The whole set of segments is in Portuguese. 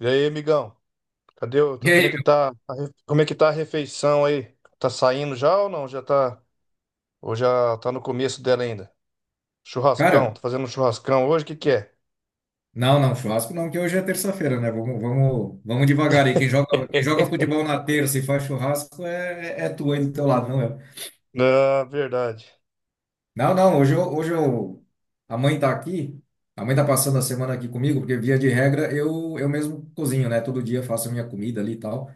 E aí, amigão? Cadê o... E Como aí, é que tá... Como é que tá a refeição aí? Tá saindo já ou não? Já tá... Ou já tá no começo dela ainda? Churrascão. cara? Tá fazendo um churrascão hoje? O que que é? Não, não, churrasco não, que hoje é terça-feira, né? Vamos, vamos, vamos devagar aí. Quem joga futebol na terça e faz churrasco é, é tu aí do teu lado, não eu. Ah, verdade. Não, não, hoje eu, a mãe tá aqui, a mãe tá passando a semana aqui comigo, porque via de regra eu mesmo cozinho, né? Todo dia eu faço a minha comida ali e tal.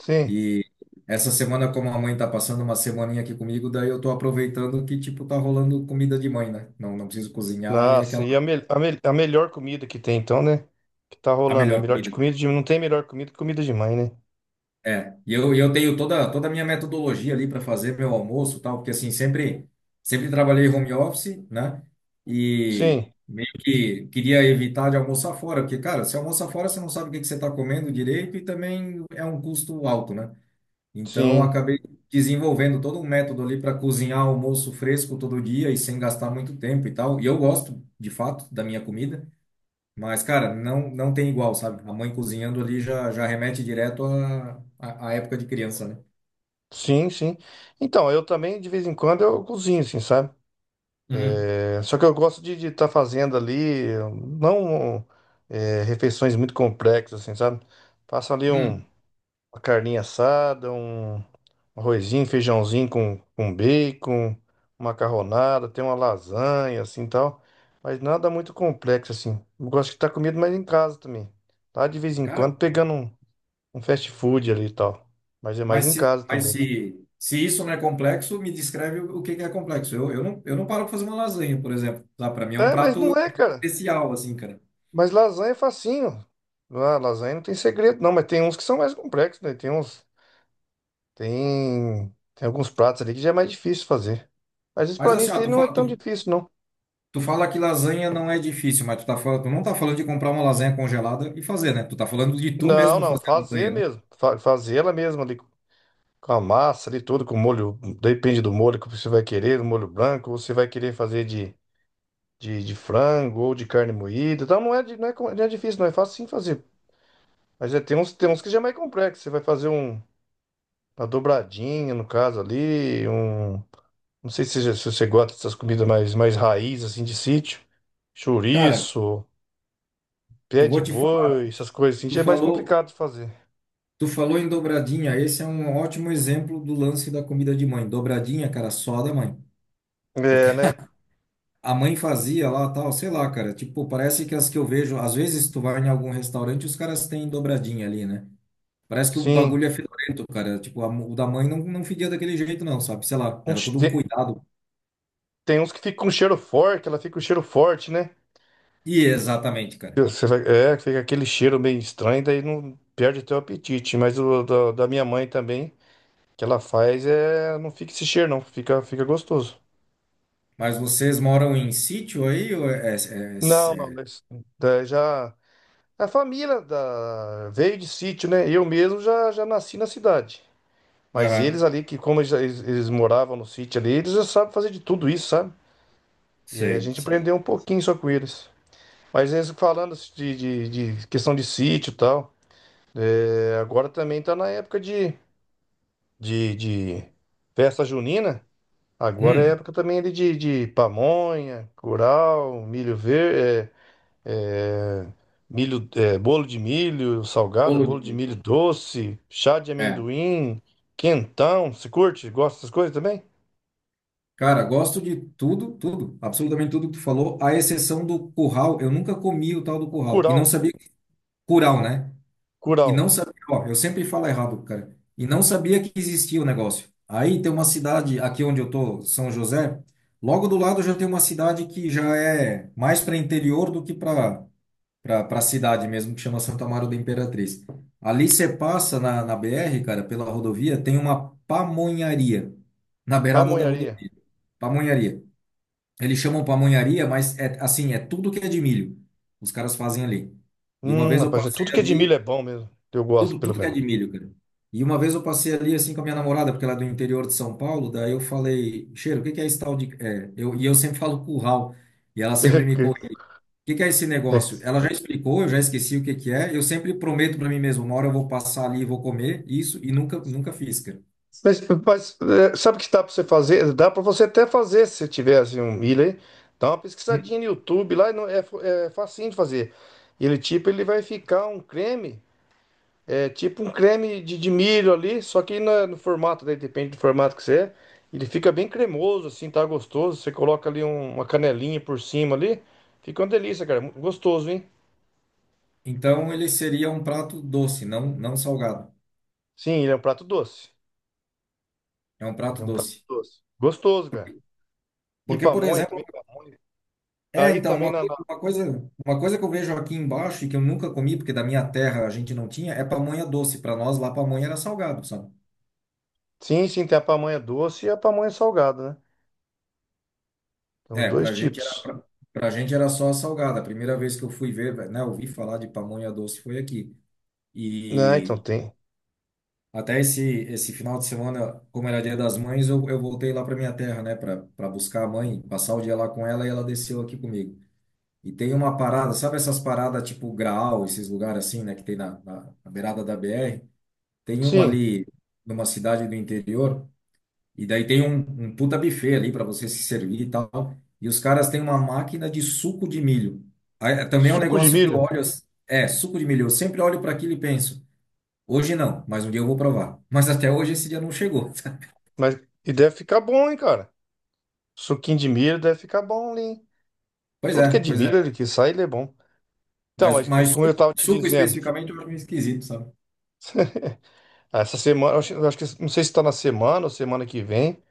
Sim. E essa semana, como a mãe tá passando uma semaninha aqui comigo, daí eu tô aproveitando que, tipo, tá rolando comida de mãe, né? Não, não preciso cozinhar e é Nossa, aquela, a melhor comida que tem então, né? Que tá a rolando. É melhor melhor de comida. comida de... Não tem melhor comida que comida de mãe, né? É, e eu tenho toda, toda a minha metodologia ali para fazer meu almoço e tal, porque assim, sempre trabalhei home office, né? E Sim. meio que queria evitar de almoçar fora, porque, cara, se almoça fora, você não sabe o que que você está comendo direito e também é um custo alto, né? Então, eu Sim. acabei desenvolvendo todo um método ali para cozinhar almoço fresco todo dia e sem gastar muito tempo e tal. E eu gosto, de fato, da minha comida. Mas, cara, não, não tem igual, sabe? A mãe cozinhando ali já, já remete direto à, à, à época de criança, né? Sim, sim. Então, eu também, de vez em quando, eu cozinho, assim, sabe? Uhum. É, só que eu gosto de estar fazendo ali, não é, refeições muito complexas, assim, sabe? Faço ali um, Hum. uma carninha assada, um arrozinho, feijãozinho com bacon, uma macarronada, tem uma lasanha, assim, tal. Mas nada muito complexo, assim. Eu gosto de estar comida mais em casa também. Tá, de vez em Cara, quando, pegando um, um fast food ali e tal. Mas é mais mas em se, casa mas também. se, se isso não é complexo, me descreve o que que é complexo. Eu não paro pra fazer uma lasanha, por exemplo. Tá? Para mim é um É, mas não prato é, cara. especial, assim, cara. Mas lasanha é facinho. Ah, lasanha não tem segredo, não, mas tem uns que são mais complexos, né? Tem uns. Tem. Tem alguns pratos ali que já é mais difícil fazer. Mas isso Mas pra mim assim, isso ó, aí tu não é fala, tão tu, difícil, não. tu fala que lasanha não é difícil, mas tu, tá, tu não tá falando de comprar uma lasanha congelada e fazer, né? Tu tá falando de tu Não, mesmo não, fazer a fazer lasanha, né? mesmo. Fazer ela mesma ali com a massa ali tudo, com o molho. Depende do molho que você vai querer, o molho branco, ou você vai querer fazer de frango ou de carne moída. Então não é, não é, não é difícil, não é fácil sim fazer. Mas é, tem uns que já é mais complexo. Você vai fazer um, uma dobradinha, no caso ali, um. Não sei se, se você gosta dessas comidas mais, mais raiz, assim, de sítio. Cara, Chouriço, pé eu de vou te falar. boi, essas coisas assim, Tu já é mais falou. complicado de fazer. Tu falou em dobradinha, esse é um ótimo exemplo do lance da comida de mãe. Dobradinha, cara, só da mãe. Porque É, né? a mãe fazia lá, tal, sei lá, cara. Tipo, parece que as que eu vejo, às vezes tu vai em algum restaurante, os caras têm dobradinha ali, né? Parece que o Sim. bagulho é fedorento, cara. Tipo, o da mãe não, não fedia daquele jeito, não, sabe? Sei lá, era Uns todo um te- cuidado. Tem uns que ficam com cheiro forte, ela fica com cheiro forte, né? E exatamente, cara. É, fica aquele cheiro meio estranho, daí não perde até o apetite. Mas o da minha mãe também, que ela faz, é, não fica esse cheiro, não. Fica, fica gostoso. Mas vocês moram em sítio aí? Ou Não, não, é- mas daí já. A família da, veio de sítio, né? Eu mesmo já, já nasci na cidade. Mas aham, eles ali, que como eles moravam no sítio ali, eles já sabem fazer de tudo isso, sabe? E aí a sei, gente sei. aprendeu um pouquinho só com eles. Mas eles falando de questão de sítio e tal, é, agora também tá na época de festa junina. Agora é Hum, época também ali de pamonha, curau, milho verde, é, é, milho, é, bolo de milho salgado, Bolo de bolo de milho. milho doce, chá de É. amendoim, quentão. Você curte? Gosta dessas coisas também? Cara, gosto de tudo, tudo, absolutamente tudo que tu falou, à exceção do curral. Eu nunca comi o tal do curral e não Curau, sabia curau, né? E curau, não sabia, ó, eu sempre falo errado, cara. E não sabia que existia o negócio. Aí tem uma cidade aqui onde eu tô, São José, logo do lado já tem uma cidade que já é mais para interior do que para cidade mesmo, que chama Santa Amaro da Imperatriz. Ali você passa na BR, cara, pela rodovia, tem uma pamonharia na beirada da pamonharia. rodovia. Pamonharia. Eles chamam pamonharia, mas é assim, é tudo que é de milho. Os caras fazem ali. E uma vez eu Rapaz, é passei tudo que é de milho ali, é bom mesmo. Eu gosto, tudo, pelo tudo que é menos. de milho, cara. E uma vez eu passei ali assim com a minha namorada, porque ela é do interior de São Paulo, daí eu falei, cheiro, o que que é esse tal de. É, eu sempre falo curral. E ela sempre me corrige. O que que é esse negócio? é. Ela já explicou, eu já esqueci o que que é. Eu sempre prometo para mim mesmo, uma hora eu vou passar ali e vou comer isso, e nunca, nunca fiz, cara. É, sabe o que dá para você fazer? Dá para você até fazer se tiver assim, um milho aí. Dá uma pesquisadinha Hum. no YouTube lá, e não, é, é facinho de fazer. Ele tipo, ele vai ficar um creme, é tipo um creme de milho ali, só que no formato, daí depende do formato que você é. Ele fica bem cremoso, assim, tá gostoso. Você coloca ali um- Uma canelinha por cima ali, fica uma delícia, cara. Gostoso, hein? Então ele seria um prato doce, não, não salgado. Sim, ele é um prato doce. É um Ele prato é um prato doce. doce. Gostoso, cara. E Porque, por pamonha exemplo, também, pamonha. é, Aí então, também uma na, coisa, na- uma coisa, uma coisa que eu vejo aqui embaixo e que eu nunca comi, porque da minha terra a gente não tinha, é pamonha doce. Para nós lá, pamonha era salgado, sabe? Sim, sim, tem a pamonha doce e a pamonha salgada, né? Tem os É, dois pra gente era, tipos. pra, pra gente era só salgada. A primeira vez que eu fui ver, né, ouvi falar de pamonha doce foi aqui. Ah, então E tem. até esse final de semana, como era Dia das Mães, eu voltei lá pra minha terra, né, pra, pra buscar a mãe, passar o dia lá com ela e ela desceu aqui comigo. E tem uma parada, sabe essas paradas tipo Graal, esses lugares assim, né, que tem na beirada da BR? Tem uma Sim, ali numa cidade do interior, e daí tem um, um puta buffet ali para você se servir e tal. E os caras têm uma máquina de suco de milho. Aí, é, também é um suco de negócio que eu milho. olho, assim- é, suco de milho. Eu sempre olho para aquilo e penso, hoje não, mas um dia eu vou provar. Mas até hoje esse dia não chegou. Mas e deve ficar bom, hein, cara? Suquinho de milho deve ficar bom, ali, hein? Pois Tudo é, que é de pois milho, é. ele que sai, ele é bom. Então, Mas, mas como eu suco, tava te suco dizendo, especificamente eu acho meio esquisito, sabe? essa semana, eu acho que não sei se tá na semana ou semana que vem.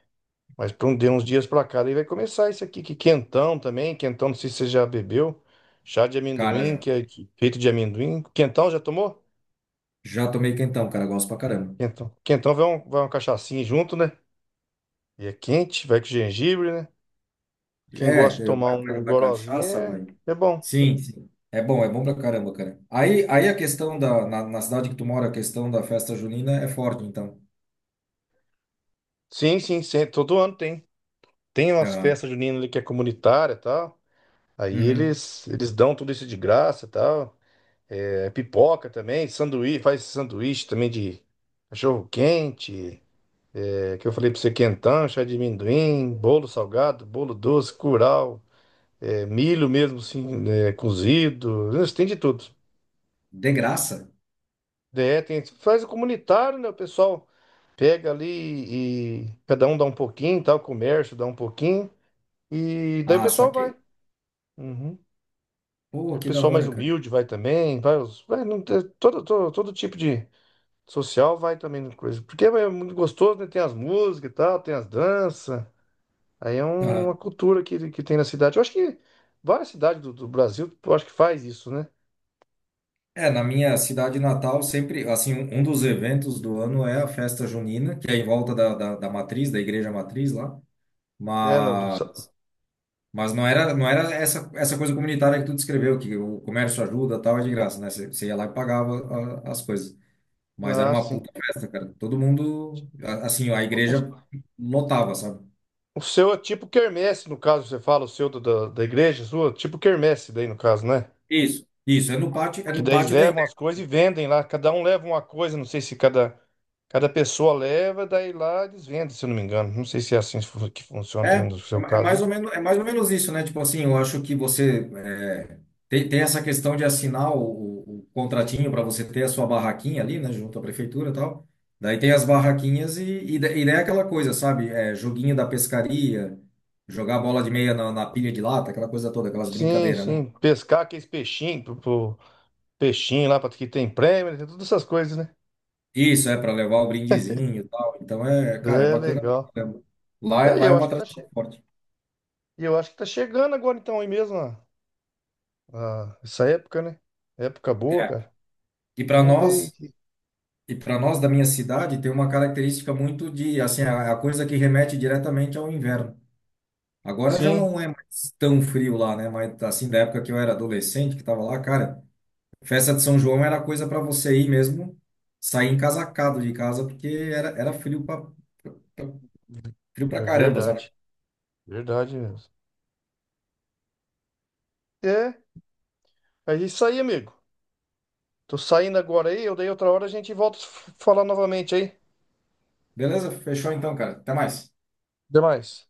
Mas para um, de uns dias para cá, daí vai começar isso aqui, que quentão também, quentão, não sei se você já bebeu, chá de Cara, amendoim, já, que é feito de amendoim. Quentão já tomou? já tomei quentão, cara, gosto pra caramba. Quentão. Quentão vai, um, vai uma cachaçinha junto, né? E é quente, vai com gengibre, né? Quem É, gosta de tomar vai, um vai, um vai gorozinho cachaça, é, vai. é bom. Sim, sim. É bom pra caramba, cara. Aí, aí a questão da, na cidade que tu mora, a questão da festa junina é forte, então. Sim, sim, sim, todo ano tem. Tem umas Aham. festas juninas ali que é comunitária e tal. Aí Uhum. eles dão tudo isso de graça e tal. É, pipoca também, sanduíche, faz sanduíche também de cachorro quente. É que eu falei para você quentão, chá de amendoim, bolo salgado, bolo doce, curau, é, milho mesmo assim, é, cozido, né, você tem de tudo. De graça? É, tem, faz o comunitário, né? O pessoal pega ali e cada um dá um pouquinho, tá? O comércio dá um pouquinho e daí o Ah, pessoal vai. saquei. Uhum. Pô, O que da pessoal mais hora, cara. humilde vai também, vai, os- vai não, tem- todo, todo, todo tipo de social vai também, no coisa. Porque é muito gostoso, né? Tem as músicas e tal, tem as danças. Aí Aham. uma cultura que tem na cidade. Eu acho que várias cidades do Brasil, eu acho que faz isso, né? É, na minha cidade natal, sempre, assim, um dos eventos do ano é a festa junina, que é em volta da matriz, da igreja matriz lá. É, não, do- Mas Mas não era, não era essa, essa coisa comunitária que tu descreveu, que o comércio ajuda, tal, é de graça, né? Você ia lá e pagava as coisas. Mas era ah, uma sim. puta festa, cara. Todo mundo, assim, a O, o- igreja lotava, sabe? o seu é tipo quermesse, no caso, você fala, o seu da igreja sua, tipo quermesse daí, no caso, né? Isso. Isso, é Que no daí eles pátio da. levam as coisas e vendem lá. Cada um leva uma coisa, não sei se cada, cada pessoa leva, daí lá eles vendem, se eu não me engano. Não sei se é assim que funciona É, também no seu é caso, mais ou hein? menos, é mais ou menos isso, né? Tipo assim, eu acho que você é, tem, tem essa questão de assinar o contratinho para você ter a sua barraquinha ali, né? Junto à prefeitura e tal. Daí tem as barraquinhas e, e daí é aquela coisa, sabe? É, joguinho da pescaria, jogar bola de meia na pilha de lata, aquela coisa toda, aquelas Sim, brincadeiras, né? sim. Pescar aqueles peixinhos, peixinho lá, para que tem prêmio, né? Tem todas essas coisas, né? Isso, é para levar o brindezinho e tal. Então é, cara, é É bacana pra legal. caramba. É, Lá é uma tradição forte. eu acho que tá chegando agora então aí mesmo, ó, essa época, né? Época boa, É. cara. E para Vamos ver nós. aqui. E para nós da minha cidade tem uma característica muito de, assim, é a, é a coisa que remete diretamente ao inverno. Agora já Sim, não é mais tão frio lá, né? Mas assim, da época que eu era adolescente, que estava lá, cara, festa de São João era coisa para você ir mesmo, sair encasacado de casa, porque era, era frio para é caramba, sabe? verdade. Verdade mesmo. É, é isso aí, amigo. Tô saindo agora aí, eu daí outra hora a gente volta a falar novamente aí. Beleza? Fechou então, cara. Até mais. Até mais.